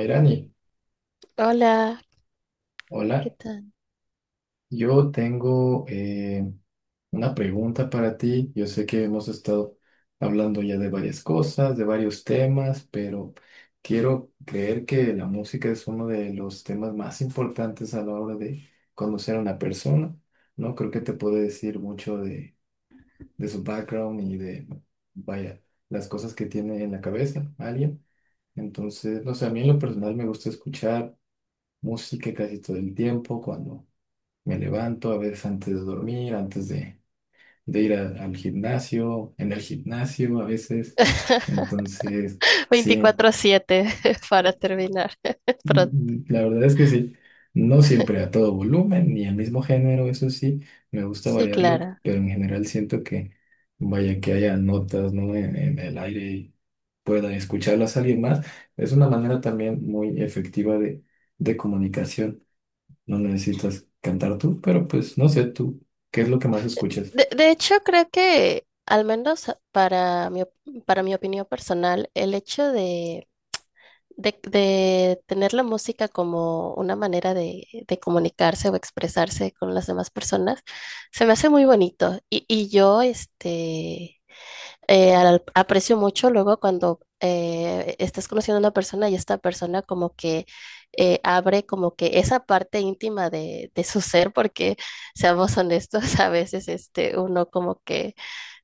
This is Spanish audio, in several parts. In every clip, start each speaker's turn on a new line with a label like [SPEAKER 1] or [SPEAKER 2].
[SPEAKER 1] Irani,
[SPEAKER 2] Hola, ¿qué
[SPEAKER 1] hola.
[SPEAKER 2] tal?
[SPEAKER 1] Yo tengo una pregunta para ti. Yo sé que hemos estado hablando ya de varias cosas, de varios temas, pero quiero creer que la música es uno de los temas más importantes a la hora de conocer a una persona, ¿no? Creo que te puede decir mucho de su background y de, vaya, las cosas que tiene en la cabeza alguien. Entonces, no sé, a mí en lo personal me gusta escuchar música casi todo el tiempo cuando me levanto, a veces antes de dormir, antes de ir al gimnasio, en el gimnasio a veces. Entonces, sí,
[SPEAKER 2] 24/7 para
[SPEAKER 1] eh,
[SPEAKER 2] terminar pronto.
[SPEAKER 1] la verdad es que sí. No siempre a todo volumen ni al mismo género, eso sí, me gusta
[SPEAKER 2] Sí,
[SPEAKER 1] variarlo,
[SPEAKER 2] claro.
[SPEAKER 1] pero en general siento que, vaya, que haya notas, ¿no?, en el aire y pueda escucharlas a alguien más. Es una manera también muy efectiva de comunicación. No necesitas cantar tú, pero pues no sé tú, ¿qué es lo que más escuchas?
[SPEAKER 2] De hecho, creo que, al menos para mi, para mi opinión personal, el hecho de tener la música como una manera de comunicarse o expresarse con las demás personas, se me hace muy bonito. Y yo, aprecio mucho luego cuando estás conociendo a una persona y esta persona como que abre como que esa parte íntima de su ser, porque seamos honestos, a veces este, uno como que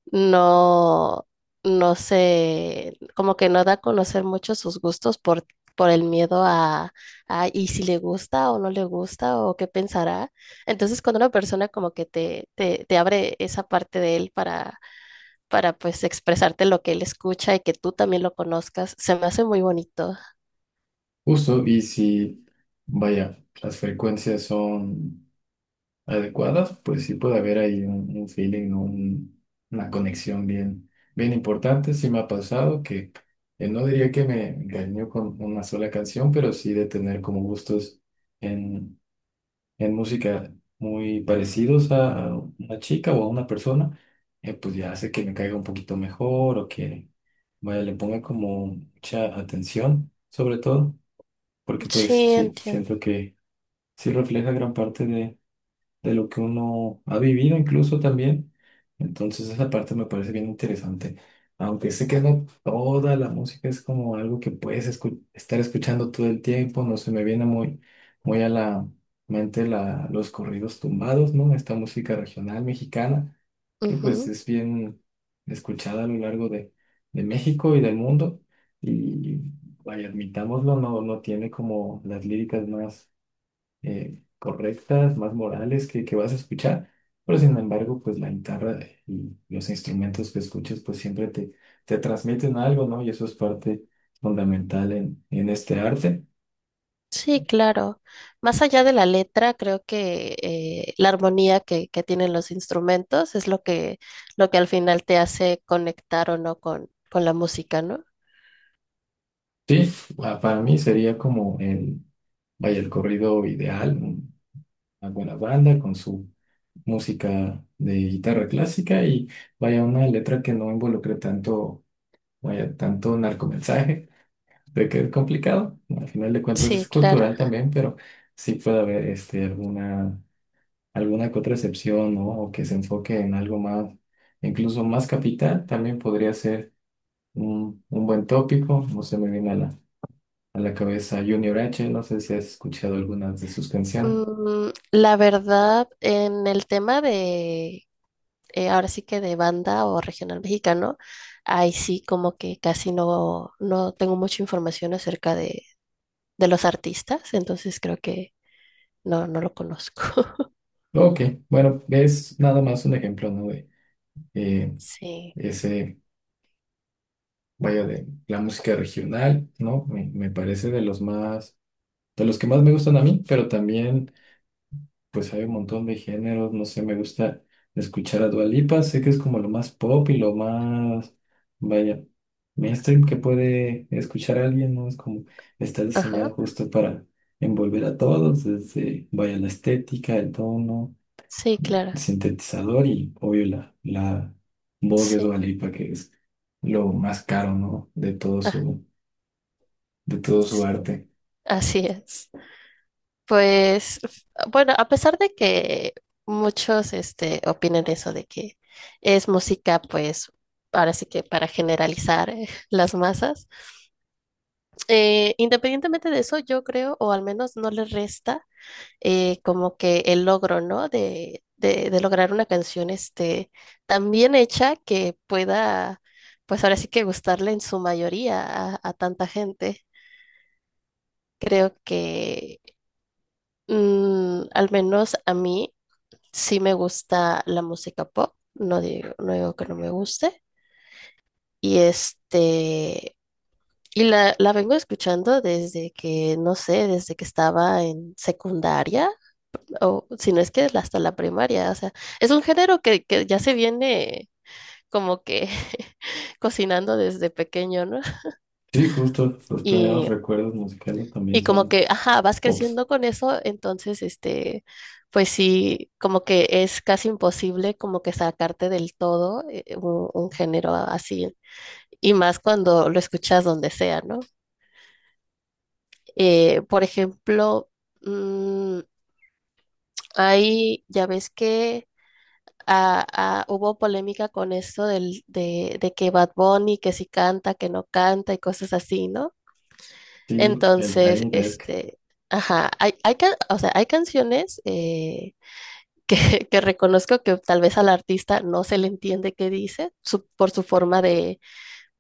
[SPEAKER 2] no, no se, como que no da a conocer mucho sus gustos por el miedo y si le gusta o no le gusta o qué pensará. Entonces cuando una persona como que te abre esa parte de él para pues expresarte lo que él escucha y que tú también lo conozcas. Se me hace muy bonito.
[SPEAKER 1] Justo, y si, vaya, las frecuencias son adecuadas, pues sí puede haber ahí un feeling, ¿no?, una conexión bien, bien importante. Sí me ha pasado que no diría que me engañó con una sola canción, pero sí de tener como gustos en música muy parecidos a una chica o a una persona. Pues ya hace que me caiga un poquito mejor o que, vaya, le ponga como mucha atención, sobre todo porque pues
[SPEAKER 2] Sí,
[SPEAKER 1] sí,
[SPEAKER 2] entiendo.
[SPEAKER 1] siento que sí refleja gran parte de lo que uno ha vivido incluso también. Entonces esa parte me parece bien interesante. Aunque sé que no toda la música es como algo que puedes estar escuchando todo el tiempo, no se me viene muy, muy a la mente la, los corridos tumbados, ¿no? Esta música regional mexicana, que pues
[SPEAKER 2] Ujú.
[SPEAKER 1] es bien escuchada a lo largo de México y del mundo. Y, vaya, admitámoslo, no tiene como las líricas más correctas, más morales que vas a escuchar, pero sin embargo, pues la guitarra y los instrumentos que escuches, pues siempre te, te transmiten algo, ¿no? Y eso es parte fundamental en este arte.
[SPEAKER 2] Sí, claro. Más allá de la letra, creo que la armonía que tienen los instrumentos es lo que al final te hace conectar o no con, con la música, ¿no?
[SPEAKER 1] Sí, para mí sería como el, vaya, el corrido ideal, una buena banda con su música de guitarra clásica y, vaya, una letra que no involucre tanto, vaya, tanto narcomensaje, de que es complicado. Al final de cuentas es
[SPEAKER 2] Sí, claro.
[SPEAKER 1] cultural también, pero sí puede haber alguna, alguna que otra excepción, ¿no? O que se enfoque en algo más, incluso más capital, también podría ser un buen tópico. No se me viene a la cabeza Junior H, no sé si has escuchado algunas de sus canciones.
[SPEAKER 2] La verdad, en el tema de ahora sí que de banda o regional mexicano, ahí sí como que casi no, no tengo mucha información acerca de los artistas, entonces creo que no, no lo conozco.
[SPEAKER 1] Ok, bueno, es nada más un ejemplo, ¿no? De eh,
[SPEAKER 2] Sí,
[SPEAKER 1] ese, vaya, de la música regional, ¿no? Me parece de los más, de los que más me gustan a mí, pero también pues hay un montón de géneros, no sé, me gusta escuchar a Dua Lipa, sé que es como lo más pop y lo más, vaya, mainstream que puede escuchar alguien, ¿no? Es como, está diseñado
[SPEAKER 2] ajá,
[SPEAKER 1] justo para envolver a todos, desde, vaya, la estética, el tono,
[SPEAKER 2] sí, claro,
[SPEAKER 1] el sintetizador y, obvio, la voz de
[SPEAKER 2] sí,
[SPEAKER 1] Dua Lipa, que es lo más caro, ¿no?, de todo
[SPEAKER 2] ah,
[SPEAKER 1] su, de todo su
[SPEAKER 2] sí,
[SPEAKER 1] arte.
[SPEAKER 2] así es. Pues, bueno, a pesar de que muchos este, opinen eso de que es música, pues, ahora sí que para generalizar las masas. Eh, independientemente de eso, yo creo, o al menos no le resta como que el logro, ¿no? De lograr una canción este, tan bien hecha que pueda, pues ahora sí que gustarle en su mayoría a tanta gente. Creo que al menos a mí sí me gusta la música pop, no digo, no digo que no me guste. Y este, y la vengo escuchando desde que, no sé, desde que estaba en secundaria, o si no es que hasta la primaria. O sea, es un género que ya se viene como que cocinando desde pequeño, ¿no?
[SPEAKER 1] Sí, justo, los primeros
[SPEAKER 2] Y,
[SPEAKER 1] recuerdos musicales también
[SPEAKER 2] y como
[SPEAKER 1] son
[SPEAKER 2] que, ajá, vas
[SPEAKER 1] pops.
[SPEAKER 2] creciendo con eso, entonces, este, pues sí, como que es casi imposible como que sacarte del todo un género así, y más cuando lo escuchas donde sea, ¿no? Por ejemplo, mm, ahí ya ves que hubo polémica con esto de que Bad Bunny, que si canta, que no canta y cosas así, ¿no?
[SPEAKER 1] Sí, el
[SPEAKER 2] Entonces,
[SPEAKER 1] Tiny Desk.
[SPEAKER 2] este, ajá, hay, o sea, hay canciones que, que reconozco que tal vez al artista no se le entiende qué dice por su forma de,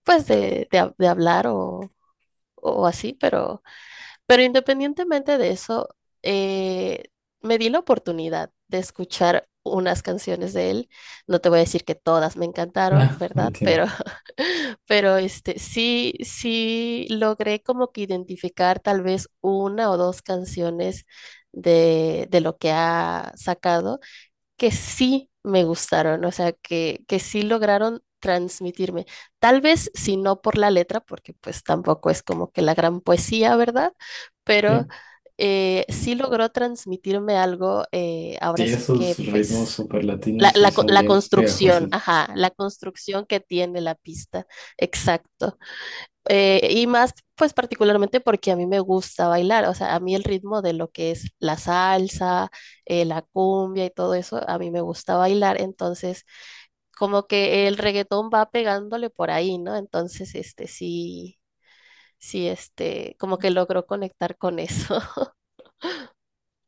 [SPEAKER 2] pues, de hablar o así, pero... Pero independientemente de eso, eh, me di la oportunidad de escuchar unas canciones de él. No te voy a decir que todas me encantaron,
[SPEAKER 1] Ah,
[SPEAKER 2] ¿verdad? Pero,
[SPEAKER 1] entiendo.
[SPEAKER 2] pero este, sí, sí logré como que identificar tal vez una o dos canciones de lo que ha sacado que sí me gustaron, o sea, que sí lograron transmitirme. Tal vez si no por la letra, porque pues tampoco es como que la gran poesía, ¿verdad? Pero
[SPEAKER 1] Sí,
[SPEAKER 2] sí logró transmitirme algo,
[SPEAKER 1] sí,
[SPEAKER 2] ahora sí
[SPEAKER 1] esos
[SPEAKER 2] que
[SPEAKER 1] ritmos
[SPEAKER 2] pues
[SPEAKER 1] super latinos sí son
[SPEAKER 2] la
[SPEAKER 1] bien
[SPEAKER 2] construcción,
[SPEAKER 1] pegajosos.
[SPEAKER 2] ajá, la construcción que tiene la pista, exacto. Y más, pues particularmente porque a mí me gusta bailar, o sea, a mí el ritmo de lo que es la salsa, la cumbia y todo eso, a mí me gusta bailar, entonces como que el reggaetón va pegándole por ahí, ¿no? Entonces, este, sí, sí, este, como que logró conectar con eso.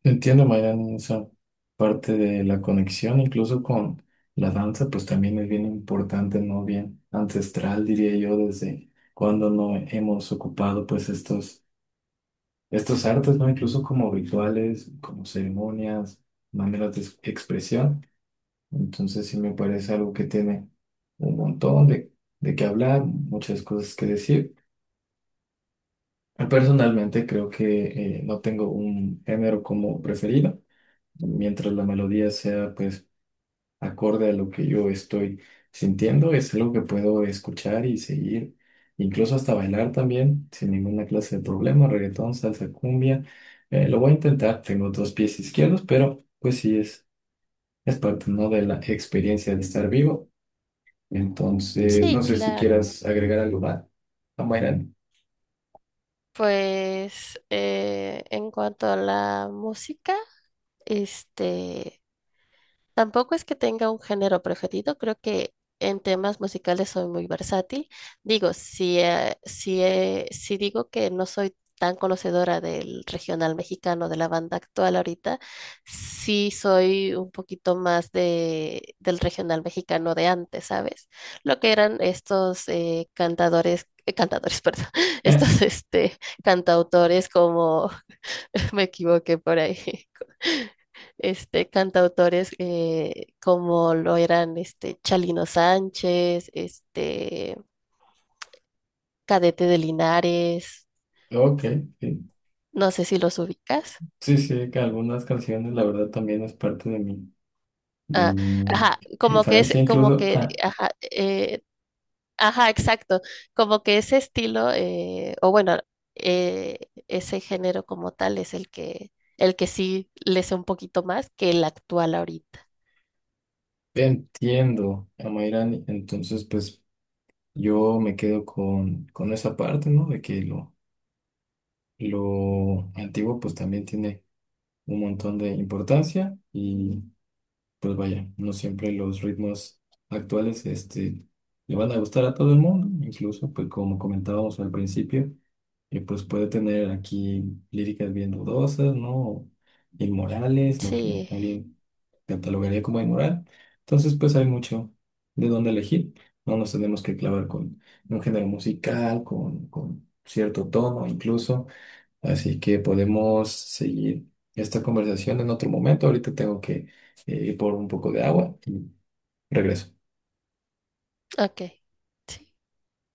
[SPEAKER 1] Entiendo, Mayran, esa parte de la conexión, incluso con la danza, pues también es bien importante, ¿no? Bien ancestral, diría yo, desde cuando no hemos ocupado, pues, estos, estos artes, ¿no? Incluso como rituales, como ceremonias, maneras de expresión. Entonces, sí me parece algo que tiene un montón de qué hablar, muchas cosas que decir. Personalmente creo que, no tengo un género como preferido. Mientras la melodía sea pues acorde a lo que yo estoy sintiendo, es algo que puedo escuchar y seguir, incluso hasta bailar también, sin ninguna clase de problema, reggaetón, salsa, cumbia. Lo voy a intentar, tengo dos pies izquierdos, pero pues sí es parte, ¿no?, de la experiencia de estar vivo. Entonces,
[SPEAKER 2] Sí,
[SPEAKER 1] no sé si
[SPEAKER 2] claro.
[SPEAKER 1] quieras agregar algo más, Mayran.
[SPEAKER 2] Pues en cuanto a la música, este... Tampoco es que tenga un género preferido, creo que en temas musicales soy muy versátil. Digo, si digo que no soy tan conocedora del regional mexicano, de la banda actual ahorita, sí soy un poquito más de, del regional mexicano de antes, ¿sabes? Lo que eran estos cantadores, perdón,
[SPEAKER 1] Eh,
[SPEAKER 2] estos este, cantautores como me equivoqué por ahí este, cantautores como lo eran este, Chalino Sánchez, este, Cadete de Linares,
[SPEAKER 1] ok, sí.
[SPEAKER 2] no sé si los ubicas.
[SPEAKER 1] Sí, sí, que algunas canciones, la verdad, también es parte de
[SPEAKER 2] Ah,
[SPEAKER 1] mi
[SPEAKER 2] ajá, como que es,
[SPEAKER 1] infancia,
[SPEAKER 2] como
[SPEAKER 1] incluso,
[SPEAKER 2] que,
[SPEAKER 1] ah,
[SPEAKER 2] ajá, ajá, exacto, como que ese estilo, o bueno, eh, ese género como tal es el que sí le sé un poquito más que el actual ahorita.
[SPEAKER 1] entiendo a Mayrani, entonces pues yo me quedo con esa parte, ¿no? De que lo antiguo pues también tiene un montón de importancia, pues vaya, no siempre los ritmos actuales le van a gustar a todo el mundo, incluso pues como comentábamos al principio, pues puede tener aquí líricas bien dudosas, ¿no? Inmorales, lo que
[SPEAKER 2] Sí,
[SPEAKER 1] alguien catalogaría como inmoral. Entonces pues hay mucho de dónde elegir, no nos tenemos que clavar con un género musical, con cierto tono incluso. Así que podemos seguir esta conversación en otro momento. Ahorita tengo que ir por un poco de agua y regreso.
[SPEAKER 2] ok. Sí.